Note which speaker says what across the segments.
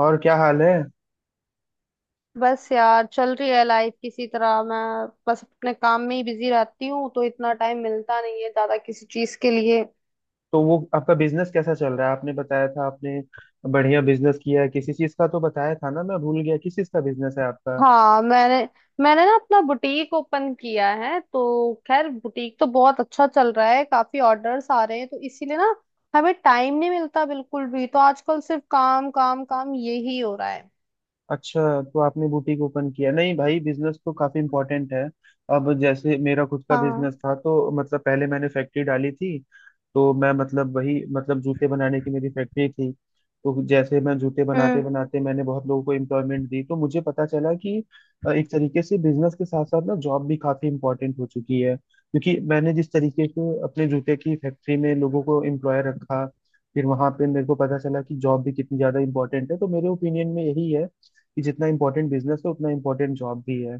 Speaker 1: और क्या हाल है?
Speaker 2: बस यार चल रही है लाइफ किसी तरह। मैं बस अपने काम में ही बिजी रहती हूँ, तो इतना टाइम मिलता नहीं है ज्यादा किसी चीज के लिए।
Speaker 1: तो वो आपका बिजनेस कैसा चल रहा है, आपने बताया था। आपने बढ़िया बिजनेस किया है किसी चीज का, तो बताया था ना, मैं भूल गया किस चीज का बिजनेस है आपका।
Speaker 2: हाँ, मैंने मैंने ना अपना बुटीक ओपन किया है। तो खैर बुटीक तो बहुत अच्छा चल रहा है, काफी ऑर्डर्स आ रहे हैं, तो इसीलिए ना हमें टाइम नहीं मिलता बिल्कुल भी। तो आजकल सिर्फ काम काम काम यही हो रहा है।
Speaker 1: अच्छा, तो आपने बुटीक ओपन किया। नहीं भाई, बिजनेस तो काफी इम्पोर्टेंट है। अब जैसे मेरा खुद का
Speaker 2: हाँ।
Speaker 1: बिजनेस था, तो मतलब पहले मैंने फैक्ट्री डाली थी। तो मैं मतलब वही मतलब जूते बनाने की मेरी फैक्ट्री थी। तो जैसे मैं जूते बनाते
Speaker 2: हम्म।
Speaker 1: बनाते मैंने बहुत लोगों को एम्प्लॉयमेंट दी, तो मुझे पता चला कि एक तरीके से बिजनेस के साथ साथ ना जॉब भी काफी इम्पोर्टेंट हो चुकी है, क्योंकि मैंने जिस तरीके से अपने जूते की फैक्ट्री में लोगों को एम्प्लॉय रखा, फिर वहां पे मेरे को पता चला कि जॉब भी कितनी ज्यादा इम्पोर्टेंट है। तो मेरे ओपिनियन में यही है कि जितना इम्पोर्टेंट बिजनेस है उतना इम्पोर्टेंट जॉब भी है।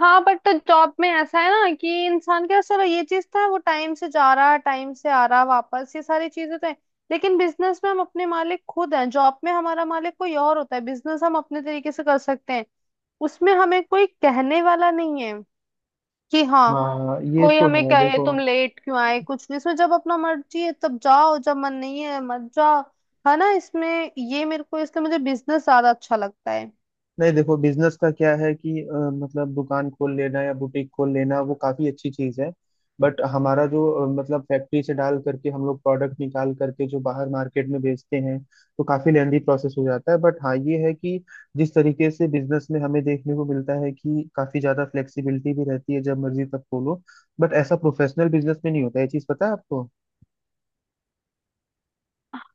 Speaker 2: हाँ बट तो जॉब में ऐसा है ना कि इंसान के पास चलो ये चीज था, वो टाइम से जा रहा, टाइम से आ रहा वापस, ये सारी चीजें तो है। लेकिन बिजनेस में हम अपने मालिक खुद हैं, जॉब में हमारा मालिक कोई और होता है। बिजनेस हम अपने तरीके से कर सकते हैं, उसमें हमें कोई कहने वाला नहीं है कि हाँ
Speaker 1: हाँ ये
Speaker 2: कोई
Speaker 1: तो
Speaker 2: हमें
Speaker 1: है,
Speaker 2: कहे
Speaker 1: देखो।
Speaker 2: तुम लेट क्यों आए। कुछ नहीं इसमें, जब अपना मर्जी है तब जाओ, जब मन नहीं है मत जाओ। है ना इसमें। ये मेरे को इसलिए, मुझे बिजनेस ज्यादा अच्छा लगता है।
Speaker 1: नहीं, देखो, बिजनेस का क्या है कि मतलब दुकान खोल लेना या बुटीक खोल लेना वो काफी अच्छी चीज है। बट हमारा जो मतलब फैक्ट्री से डाल करके हम लोग प्रोडक्ट निकाल करके जो बाहर मार्केट में बेचते हैं, तो काफी लेंदी प्रोसेस हो जाता है। बट हाँ ये है कि जिस तरीके से बिजनेस में हमें देखने को मिलता है कि काफी ज्यादा फ्लेक्सिबिलिटी भी रहती है, जब मर्जी तब खोलो। बट ऐसा प्रोफेशनल बिजनेस में नहीं होता, ये चीज पता है आपको।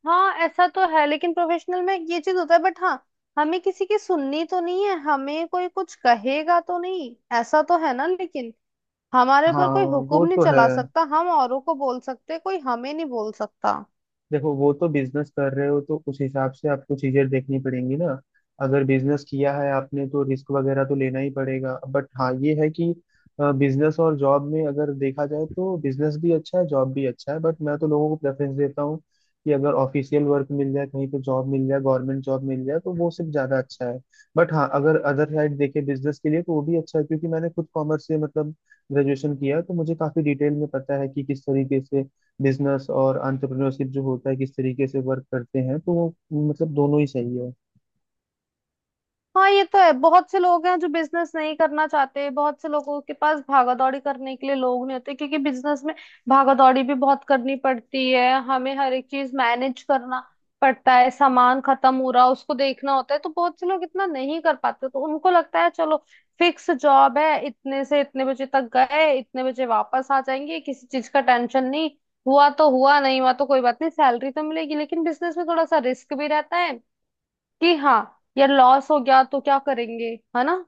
Speaker 2: हाँ ऐसा तो है, लेकिन प्रोफेशनल में ये चीज होता है बट हाँ, हमें किसी की सुननी तो नहीं है, हमें कोई कुछ कहेगा तो नहीं, ऐसा तो है ना। लेकिन हमारे ऊपर
Speaker 1: हाँ,
Speaker 2: कोई हुक्म
Speaker 1: वो
Speaker 2: नहीं
Speaker 1: तो है।
Speaker 2: चला सकता, हम औरों को बोल सकते, कोई हमें नहीं बोल सकता।
Speaker 1: देखो, वो तो बिजनेस कर रहे हो तो उस हिसाब से आपको चीजें देखनी पड़ेंगी ना। अगर बिजनेस किया है आपने तो रिस्क वगैरह तो लेना ही पड़ेगा। बट हाँ ये है कि बिजनेस और जॉब में अगर देखा जाए तो बिजनेस भी अच्छा है जॉब भी अच्छा है, बट मैं तो लोगों को प्रेफरेंस देता हूँ कि अगर ऑफिशियल वर्क मिल जाए, कहीं पे जॉब मिल जाए, गवर्नमेंट जॉब मिल जाए, तो वो सिर्फ ज्यादा अच्छा है। बट हाँ, अगर अदर साइड देखे बिजनेस के लिए, तो वो भी अच्छा है, क्योंकि मैंने खुद कॉमर्स से मतलब ग्रेजुएशन किया है, तो मुझे काफी डिटेल में पता है कि किस तरीके से बिजनेस और entrepreneurship जो होता है किस तरीके से वर्क करते हैं, तो वो मतलब दोनों ही सही है।
Speaker 2: हाँ ये तो है, बहुत से लोग हैं जो बिजनेस नहीं करना चाहते, बहुत से लोगों के पास भागा दौड़ी करने के लिए लोग नहीं होते, क्योंकि बिजनेस में भागा दौड़ी भी बहुत करनी पड़ती है। हमें हर एक चीज मैनेज करना पड़ता है, सामान खत्म हो रहा उसको देखना होता है, तो बहुत से लोग इतना नहीं कर पाते। तो उनको लगता है चलो फिक्स जॉब है, इतने से इतने बजे तक गए, इतने बजे वापस आ जाएंगे, किसी चीज का टेंशन नहीं, हुआ तो हुआ, नहीं हुआ तो कोई बात नहीं, सैलरी तो मिलेगी। लेकिन बिजनेस में थोड़ा सा रिस्क भी रहता है कि हाँ यार लॉस हो गया तो क्या करेंगे, है ना।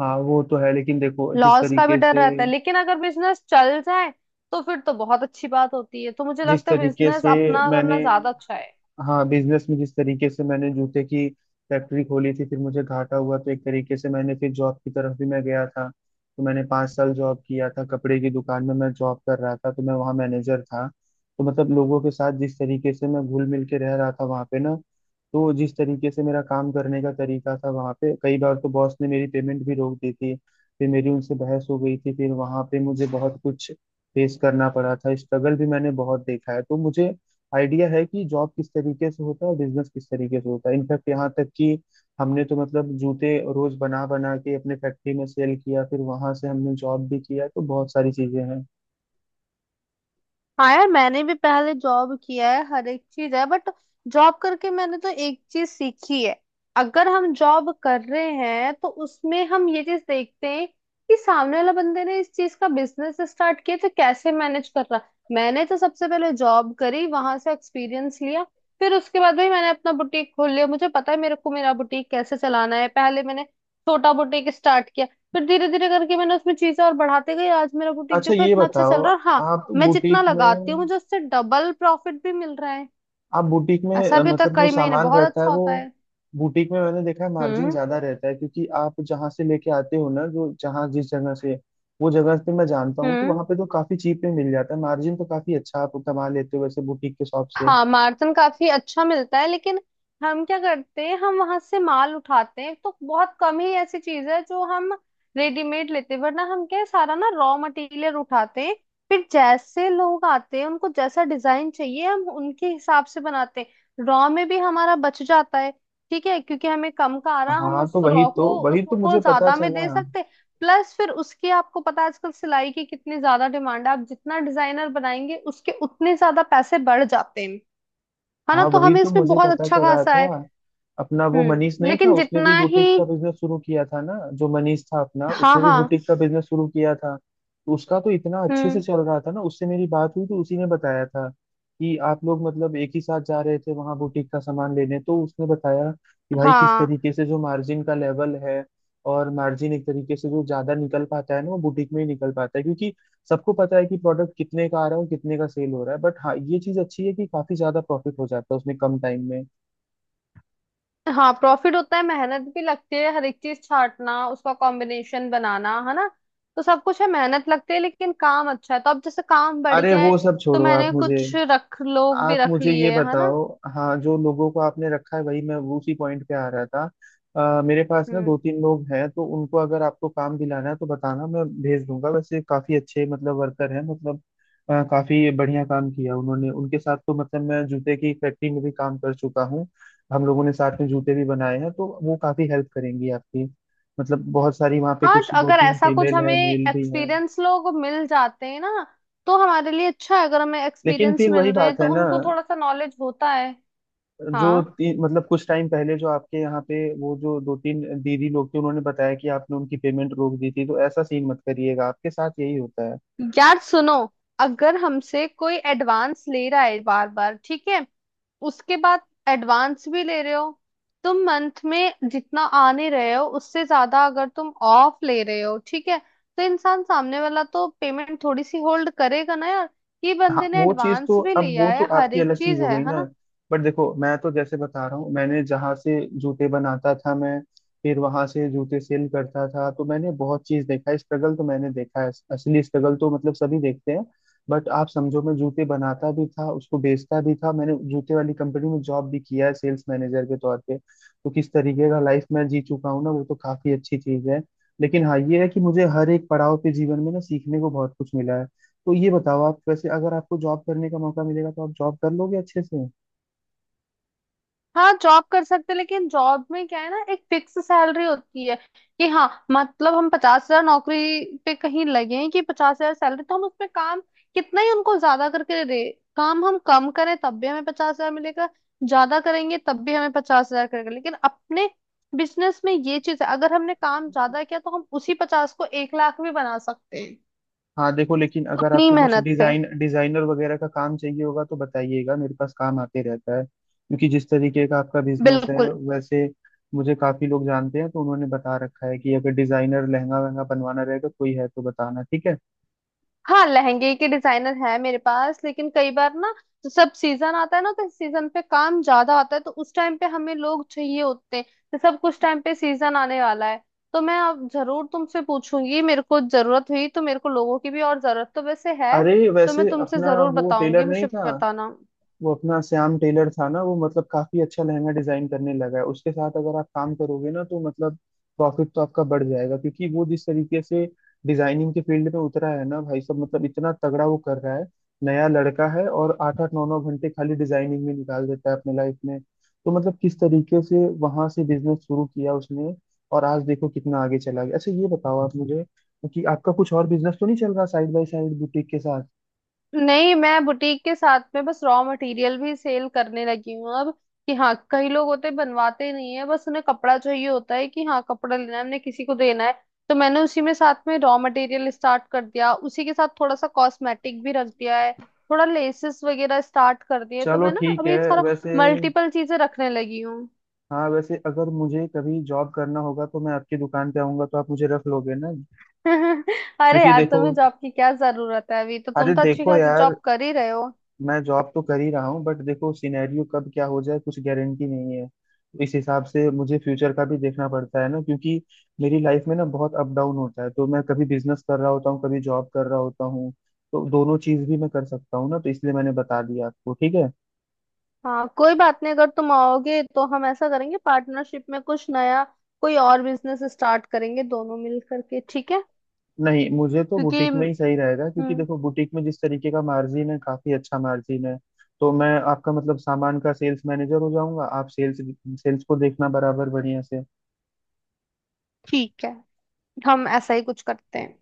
Speaker 1: हाँ वो तो है, लेकिन देखो,
Speaker 2: लॉस का भी डर रहता है, लेकिन अगर बिजनेस चल जाए तो फिर तो बहुत अच्छी बात होती है। तो मुझे
Speaker 1: जिस
Speaker 2: लगता है
Speaker 1: तरीके
Speaker 2: बिजनेस
Speaker 1: से
Speaker 2: अपना
Speaker 1: मैंने
Speaker 2: करना ज्यादा अच्छा है।
Speaker 1: हाँ, बिजनेस में जिस तरीके से मैंने जूते की फैक्ट्री खोली थी, फिर मुझे घाटा हुआ, तो एक तरीके से मैंने फिर जॉब की तरफ भी मैं गया था। तो मैंने 5 साल जॉब किया था, कपड़े की दुकान में मैं जॉब कर रहा था, तो मैं वहाँ मैनेजर था। तो मतलब लोगों के साथ जिस तरीके से मैं घुल मिल के रह रहा था वहाँ पे ना। तो जिस तरीके से मेरा काम करने का तरीका था, वहाँ पे कई बार तो बॉस ने मेरी पेमेंट भी रोक दी थी, फिर मेरी उनसे बहस हो गई थी। फिर वहाँ पे मुझे बहुत कुछ फेस करना पड़ा था, स्ट्रगल भी मैंने बहुत देखा है। तो मुझे आइडिया है कि जॉब किस तरीके से होता है और बिजनेस किस तरीके से होता है। इनफैक्ट यहाँ तक कि हमने तो मतलब जूते रोज बना बना के अपने फैक्ट्री में सेल किया, फिर वहां से हमने जॉब भी किया, तो बहुत सारी चीजें हैं।
Speaker 2: हाँ यार, मैंने भी पहले जॉब किया है, हर एक चीज है। बट जॉब करके मैंने तो एक चीज सीखी है, अगर हम जॉब कर रहे हैं तो उसमें हम ये चीज देखते हैं कि सामने वाला बंदे ने इस चीज का बिजनेस स्टार्ट किया तो कैसे मैनेज कर रहा। मैंने तो सबसे पहले जॉब करी, वहां से एक्सपीरियंस लिया, फिर उसके बाद भाई मैंने अपना बुटीक खोल लिया। मुझे पता है मेरे को मेरा बुटीक कैसे चलाना है। पहले मैंने छोटा बुटीक स्टार्ट किया, फिर धीरे धीरे करके मैंने उसमें चीजें और बढ़ाते गई। आज मेरा बुटीक
Speaker 1: अच्छा
Speaker 2: देखो
Speaker 1: ये
Speaker 2: इतना अच्छा
Speaker 1: बताओ,
Speaker 2: चल रहा है। हाँ,
Speaker 1: आप
Speaker 2: मैं जितना
Speaker 1: बुटीक
Speaker 2: लगाती
Speaker 1: में
Speaker 2: हूँ मुझे उससे डबल प्रॉफिट भी मिल रहा है।
Speaker 1: आप बुटीक में
Speaker 2: ऐसा भी तो
Speaker 1: मतलब जो
Speaker 2: कई महीने
Speaker 1: सामान
Speaker 2: बहुत
Speaker 1: रहता है
Speaker 2: अच्छा
Speaker 1: वो,
Speaker 2: होता है।
Speaker 1: बुटीक में मैंने देखा है मार्जिन
Speaker 2: हम्म।
Speaker 1: ज्यादा रहता है, क्योंकि आप जहाँ से लेके आते हो ना, जो जहाँ जिस जगह से वो जगह पे मैं जानता हूँ, तो
Speaker 2: हम्म।
Speaker 1: वहां पे तो काफी चीप में मिल जाता है। मार्जिन तो काफी अच्छा आप कमा लेते हो वैसे बुटीक के शॉप से।
Speaker 2: हाँ मार्जिन काफी अच्छा मिलता है, लेकिन हम क्या करते हैं, हम वहां से माल उठाते हैं तो बहुत कम ही ऐसी चीज है जो हम रेडीमेड लेते हैं, वरना हम क्या है, सारा ना रॉ मटेरियल उठाते हैं। फिर जैसे लोग आते हैं, उनको जैसा डिजाइन चाहिए हम उनके हिसाब से बनाते हैं। रॉ में भी हमारा बच जाता है, ठीक है, क्योंकि हमें कम का आ रहा, हम
Speaker 1: हाँ,
Speaker 2: उस
Speaker 1: तो वही
Speaker 2: रॉ
Speaker 1: तो
Speaker 2: को
Speaker 1: वही तो
Speaker 2: उसको
Speaker 1: मुझे पता
Speaker 2: ज्यादा में
Speaker 1: चला।
Speaker 2: दे सकते हैं। प्लस फिर उसके आपको पता है आजकल सिलाई की कितनी ज्यादा डिमांड है। आप जितना डिजाइनर बनाएंगे उसके उतने ज्यादा पैसे बढ़ जाते हैं, है ना।
Speaker 1: हाँ
Speaker 2: तो
Speaker 1: वही
Speaker 2: हमें
Speaker 1: तो
Speaker 2: इसमें
Speaker 1: मुझे
Speaker 2: बहुत
Speaker 1: पता
Speaker 2: अच्छा
Speaker 1: चला
Speaker 2: खासा
Speaker 1: था।
Speaker 2: है।
Speaker 1: अपना वो मनीष नहीं था
Speaker 2: लेकिन
Speaker 1: उसने भी
Speaker 2: जितना ही।
Speaker 1: बुटीक का बिजनेस शुरू किया था ना, जो मनीष था अपना
Speaker 2: हाँ
Speaker 1: उसने भी
Speaker 2: हाँ।
Speaker 1: बुटीक का बिजनेस शुरू किया था, तो उसका तो इतना अच्छे से
Speaker 2: हम्म।
Speaker 1: चल रहा था ना, उससे मेरी बात हुई तो उसी ने बताया था कि आप लोग मतलब एक ही साथ जा रहे थे वहां बुटीक का सामान लेने, तो उसने बताया कि भाई किस
Speaker 2: हाँ
Speaker 1: तरीके से जो मार्जिन का लेवल है, और मार्जिन एक तरीके से जो ज्यादा निकल पाता है ना वो बुटीक में ही निकल पाता है, क्योंकि सबको पता है कि प्रोडक्ट कितने का आ रहा है और कितने का सेल हो रहा है। बट हाँ ये चीज अच्छी है कि काफी ज्यादा प्रॉफिट हो जाता है उसमें कम टाइम में।
Speaker 2: हाँ प्रॉफिट होता है, मेहनत भी लगती है, हर एक चीज छांटना, उसका कॉम्बिनेशन बनाना, है ना। तो सब कुछ है, मेहनत लगती है, लेकिन काम अच्छा है। तो अब जैसे काम बढ़
Speaker 1: अरे
Speaker 2: गया है
Speaker 1: वो सब
Speaker 2: तो
Speaker 1: छोड़ो,
Speaker 2: मैंने कुछ रख लोग भी
Speaker 1: आप
Speaker 2: रख
Speaker 1: मुझे ये
Speaker 2: लिए, है ना।
Speaker 1: बताओ। हाँ, जो लोगों को आपने रखा है, वही मैं, वो उसी पॉइंट पे आ रहा था। मेरे पास ना
Speaker 2: हम्म।
Speaker 1: दो तीन लोग हैं, तो उनको अगर आपको काम दिलाना है तो बताना, मैं भेज दूंगा। वैसे काफी अच्छे मतलब वर्कर हैं, मतलब काफी बढ़िया काम किया उन्होंने। उनके साथ तो मतलब मैं जूते की फैक्ट्री में भी काम कर चुका हूँ, हम लोगों ने साथ में जूते भी बनाए हैं, तो वो काफी हेल्प करेंगी आपकी। मतलब बहुत सारी वहाँ पे,
Speaker 2: हाँ तो
Speaker 1: कुछ दो
Speaker 2: अगर
Speaker 1: तीन
Speaker 2: ऐसा कुछ
Speaker 1: फीमेल
Speaker 2: हमें
Speaker 1: है, मेल भी है।
Speaker 2: एक्सपीरियंस लोग मिल जाते हैं ना, तो हमारे लिए अच्छा है। अगर हमें
Speaker 1: लेकिन
Speaker 2: एक्सपीरियंस
Speaker 1: फिर वही
Speaker 2: मिल रहे हैं
Speaker 1: बात
Speaker 2: तो
Speaker 1: है ना,
Speaker 2: उनको थोड़ा सा नॉलेज होता है।
Speaker 1: जो
Speaker 2: हाँ
Speaker 1: तीन मतलब कुछ टाइम पहले जो आपके यहाँ पे वो जो दो तीन दीदी लोग थे उन्होंने बताया कि आपने उनकी पेमेंट रोक दी थी, तो ऐसा सीन मत करिएगा, आपके साथ यही होता है।
Speaker 2: यार सुनो, अगर हमसे कोई एडवांस ले रहा है बार बार, ठीक है, उसके बाद एडवांस भी ले रहे हो, तुम मंथ में जितना आने रहे हो उससे ज्यादा अगर तुम ऑफ ले रहे हो, ठीक है, तो इंसान सामने वाला तो पेमेंट थोड़ी सी होल्ड करेगा ना यार। ये
Speaker 1: हाँ
Speaker 2: बंदे ने
Speaker 1: वो चीज तो,
Speaker 2: एडवांस भी
Speaker 1: अब वो
Speaker 2: लिया
Speaker 1: तो
Speaker 2: है, हर
Speaker 1: आपकी
Speaker 2: एक
Speaker 1: अलग चीज
Speaker 2: चीज
Speaker 1: हो
Speaker 2: है
Speaker 1: गई
Speaker 2: है
Speaker 1: ना।
Speaker 2: ना।
Speaker 1: बट देखो मैं तो जैसे बता रहा हूँ, मैंने जहाँ से जूते बनाता था मैं, फिर वहां से जूते सेल करता था, तो मैंने बहुत चीज देखा है। स्ट्रगल तो मैंने देखा है, असली स्ट्रगल तो मतलब सभी देखते हैं। बट आप समझो, मैं जूते बनाता भी था उसको बेचता भी था, मैंने जूते वाली कंपनी में जॉब भी किया है सेल्स मैनेजर के तौर पे, तो किस तरीके का लाइफ मैं जी चुका हूँ ना, वो तो काफी अच्छी चीज है। लेकिन हाँ ये है कि मुझे हर एक पड़ाव पे जीवन में ना सीखने को बहुत कुछ मिला है। तो ये बताओ आप, वैसे अगर आपको जॉब करने का मौका मिलेगा तो आप जॉब कर लोगे अच्छे से?
Speaker 2: हाँ जॉब कर सकते हैं, लेकिन जॉब में क्या है ना, एक फिक्स सैलरी होती है कि हाँ मतलब हम 50 हजार नौकरी पे कहीं लगे हैं कि 50 हजार सैलरी, तो हम उसमें काम कितना ही उनको ज्यादा करके दे, काम हम कम करें तब भी हमें 50 हजार मिलेगा, ज्यादा करेंगे तब भी हमें पचास हजार करेगा। लेकिन अपने बिजनेस में ये चीज है, अगर हमने काम ज्यादा किया तो हम उसी 50 को 1 लाख भी बना सकते हैं
Speaker 1: हाँ देखो, लेकिन अगर
Speaker 2: उतनी
Speaker 1: आपको कुछ
Speaker 2: मेहनत पे।
Speaker 1: डिजाइन डिजाइनर वगैरह का काम चाहिए होगा तो बताइएगा, मेरे पास काम आते रहता है, क्योंकि जिस तरीके का आपका बिजनेस है,
Speaker 2: बिल्कुल।
Speaker 1: वैसे मुझे काफी लोग जानते हैं, तो उन्होंने बता रखा है कि अगर डिजाइनर लहंगा वहंगा बनवाना रहेगा कोई है तो बताना, ठीक है।
Speaker 2: हाँ लहंगे के डिजाइनर है मेरे पास, लेकिन कई बार ना, तो सब सीजन आता है ना, तो सीजन पे काम ज्यादा आता है तो उस टाइम पे हमें लोग चाहिए होते हैं। तो सब कुछ टाइम पे सीजन आने वाला है, तो मैं अब जरूर तुमसे पूछूंगी, मेरे को जरूरत हुई तो, मेरे को लोगों की भी और जरूरत तो वैसे है।
Speaker 1: अरे
Speaker 2: तो मैं
Speaker 1: वैसे
Speaker 2: तुमसे
Speaker 1: अपना
Speaker 2: जरूर
Speaker 1: वो
Speaker 2: बताऊंगी,
Speaker 1: टेलर नहीं
Speaker 2: मुझे
Speaker 1: था,
Speaker 2: बताना।
Speaker 1: वो अपना श्याम टेलर था ना, वो मतलब काफी अच्छा लहंगा डिजाइन करने लगा है, उसके साथ अगर आप काम करोगे ना तो मतलब प्रॉफिट तो आपका बढ़ जाएगा, क्योंकि वो जिस तरीके से डिजाइनिंग के फील्ड में उतरा है ना भाई, सब मतलब इतना तगड़ा वो कर रहा है। नया लड़का है, और 8-8, 9-9 घंटे खाली डिजाइनिंग में निकाल देता है अपने लाइफ में, तो मतलब किस तरीके से वहां से बिजनेस शुरू किया उसने, और आज देखो कितना आगे चला गया। अच्छा ये बताओ आप मुझे कि आपका कुछ और बिजनेस तो नहीं चल रहा साइड बाय साइड बुटीक के साथ?
Speaker 2: नहीं, मैं बुटीक के साथ में बस रॉ मटेरियल भी सेल करने लगी हूँ अब। कि हाँ कई लोग होते हैं, बनवाते नहीं है, बस उन्हें कपड़ा चाहिए होता है कि हाँ कपड़ा लेना है हमने किसी को देना है। तो मैंने उसी में साथ में रॉ मटेरियल स्टार्ट कर दिया, उसी के साथ थोड़ा सा कॉस्मेटिक भी रख दिया है, थोड़ा लेसेस वगैरह स्टार्ट कर दिए, तो
Speaker 1: चलो
Speaker 2: मैं ना
Speaker 1: ठीक है
Speaker 2: अभी सारा
Speaker 1: वैसे।
Speaker 2: मल्टीपल चीजें रखने लगी हूँ।
Speaker 1: हाँ वैसे अगर मुझे कभी जॉब करना होगा तो मैं आपकी दुकान पे आऊंगा, तो आप मुझे रख लोगे ना?
Speaker 2: अरे
Speaker 1: क्योंकि
Speaker 2: यार
Speaker 1: देखो,
Speaker 2: तुम्हें जॉब की क्या जरूरत है, अभी तो
Speaker 1: अरे
Speaker 2: तुम तो अच्छी
Speaker 1: देखो
Speaker 2: खासी
Speaker 1: यार,
Speaker 2: जॉब कर ही रहे हो।
Speaker 1: मैं जॉब तो कर ही रहा हूँ बट देखो सिनेरियो कब क्या हो जाए कुछ गारंटी नहीं है, तो इस हिसाब से मुझे फ्यूचर का भी देखना पड़ता है ना, क्योंकि मेरी लाइफ में ना बहुत अप डाउन होता है, तो मैं कभी बिजनेस कर रहा होता हूँ कभी जॉब कर रहा होता हूँ, तो दोनों चीज भी मैं कर सकता हूँ ना, तो इसलिए मैंने बता दिया आपको, ठीक है।
Speaker 2: हाँ कोई बात नहीं, अगर तुम आओगे तो हम ऐसा करेंगे, पार्टनरशिप में कुछ नया कोई और बिजनेस स्टार्ट करेंगे दोनों मिल करके, ठीक है।
Speaker 1: नहीं मुझे तो
Speaker 2: क्योंकि।
Speaker 1: बुटीक में ही सही रहेगा, क्योंकि
Speaker 2: हम्म।
Speaker 1: देखो बुटीक में जिस तरीके का मार्जिन है काफी अच्छा मार्जिन है। तो मैं आपका मतलब सामान का सेल्स मैनेजर हो जाऊंगा, आप सेल्स सेल्स को देखना बराबर बढ़िया से।
Speaker 2: ठीक है, हम ऐसा ही कुछ करते हैं।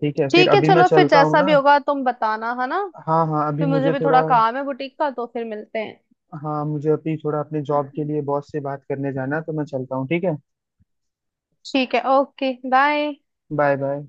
Speaker 1: ठीक है, फिर
Speaker 2: ठीक है
Speaker 1: अभी मैं
Speaker 2: चलो फिर,
Speaker 1: चलता हूँ
Speaker 2: जैसा भी
Speaker 1: ना।
Speaker 2: होगा तुम बताना, है ना।
Speaker 1: हाँ हाँ, अभी
Speaker 2: फिर मुझे
Speaker 1: मुझे
Speaker 2: भी
Speaker 1: थोड़ा
Speaker 2: थोड़ा काम है बुटीक का, तो फिर मिलते हैं।
Speaker 1: हाँ मुझे अभी थोड़ा अपने जॉब के लिए बॉस से बात करने जाना है, तो मैं चलता हूँ, ठीक है।
Speaker 2: ठीक है, ओके, बाय।
Speaker 1: Bye bye.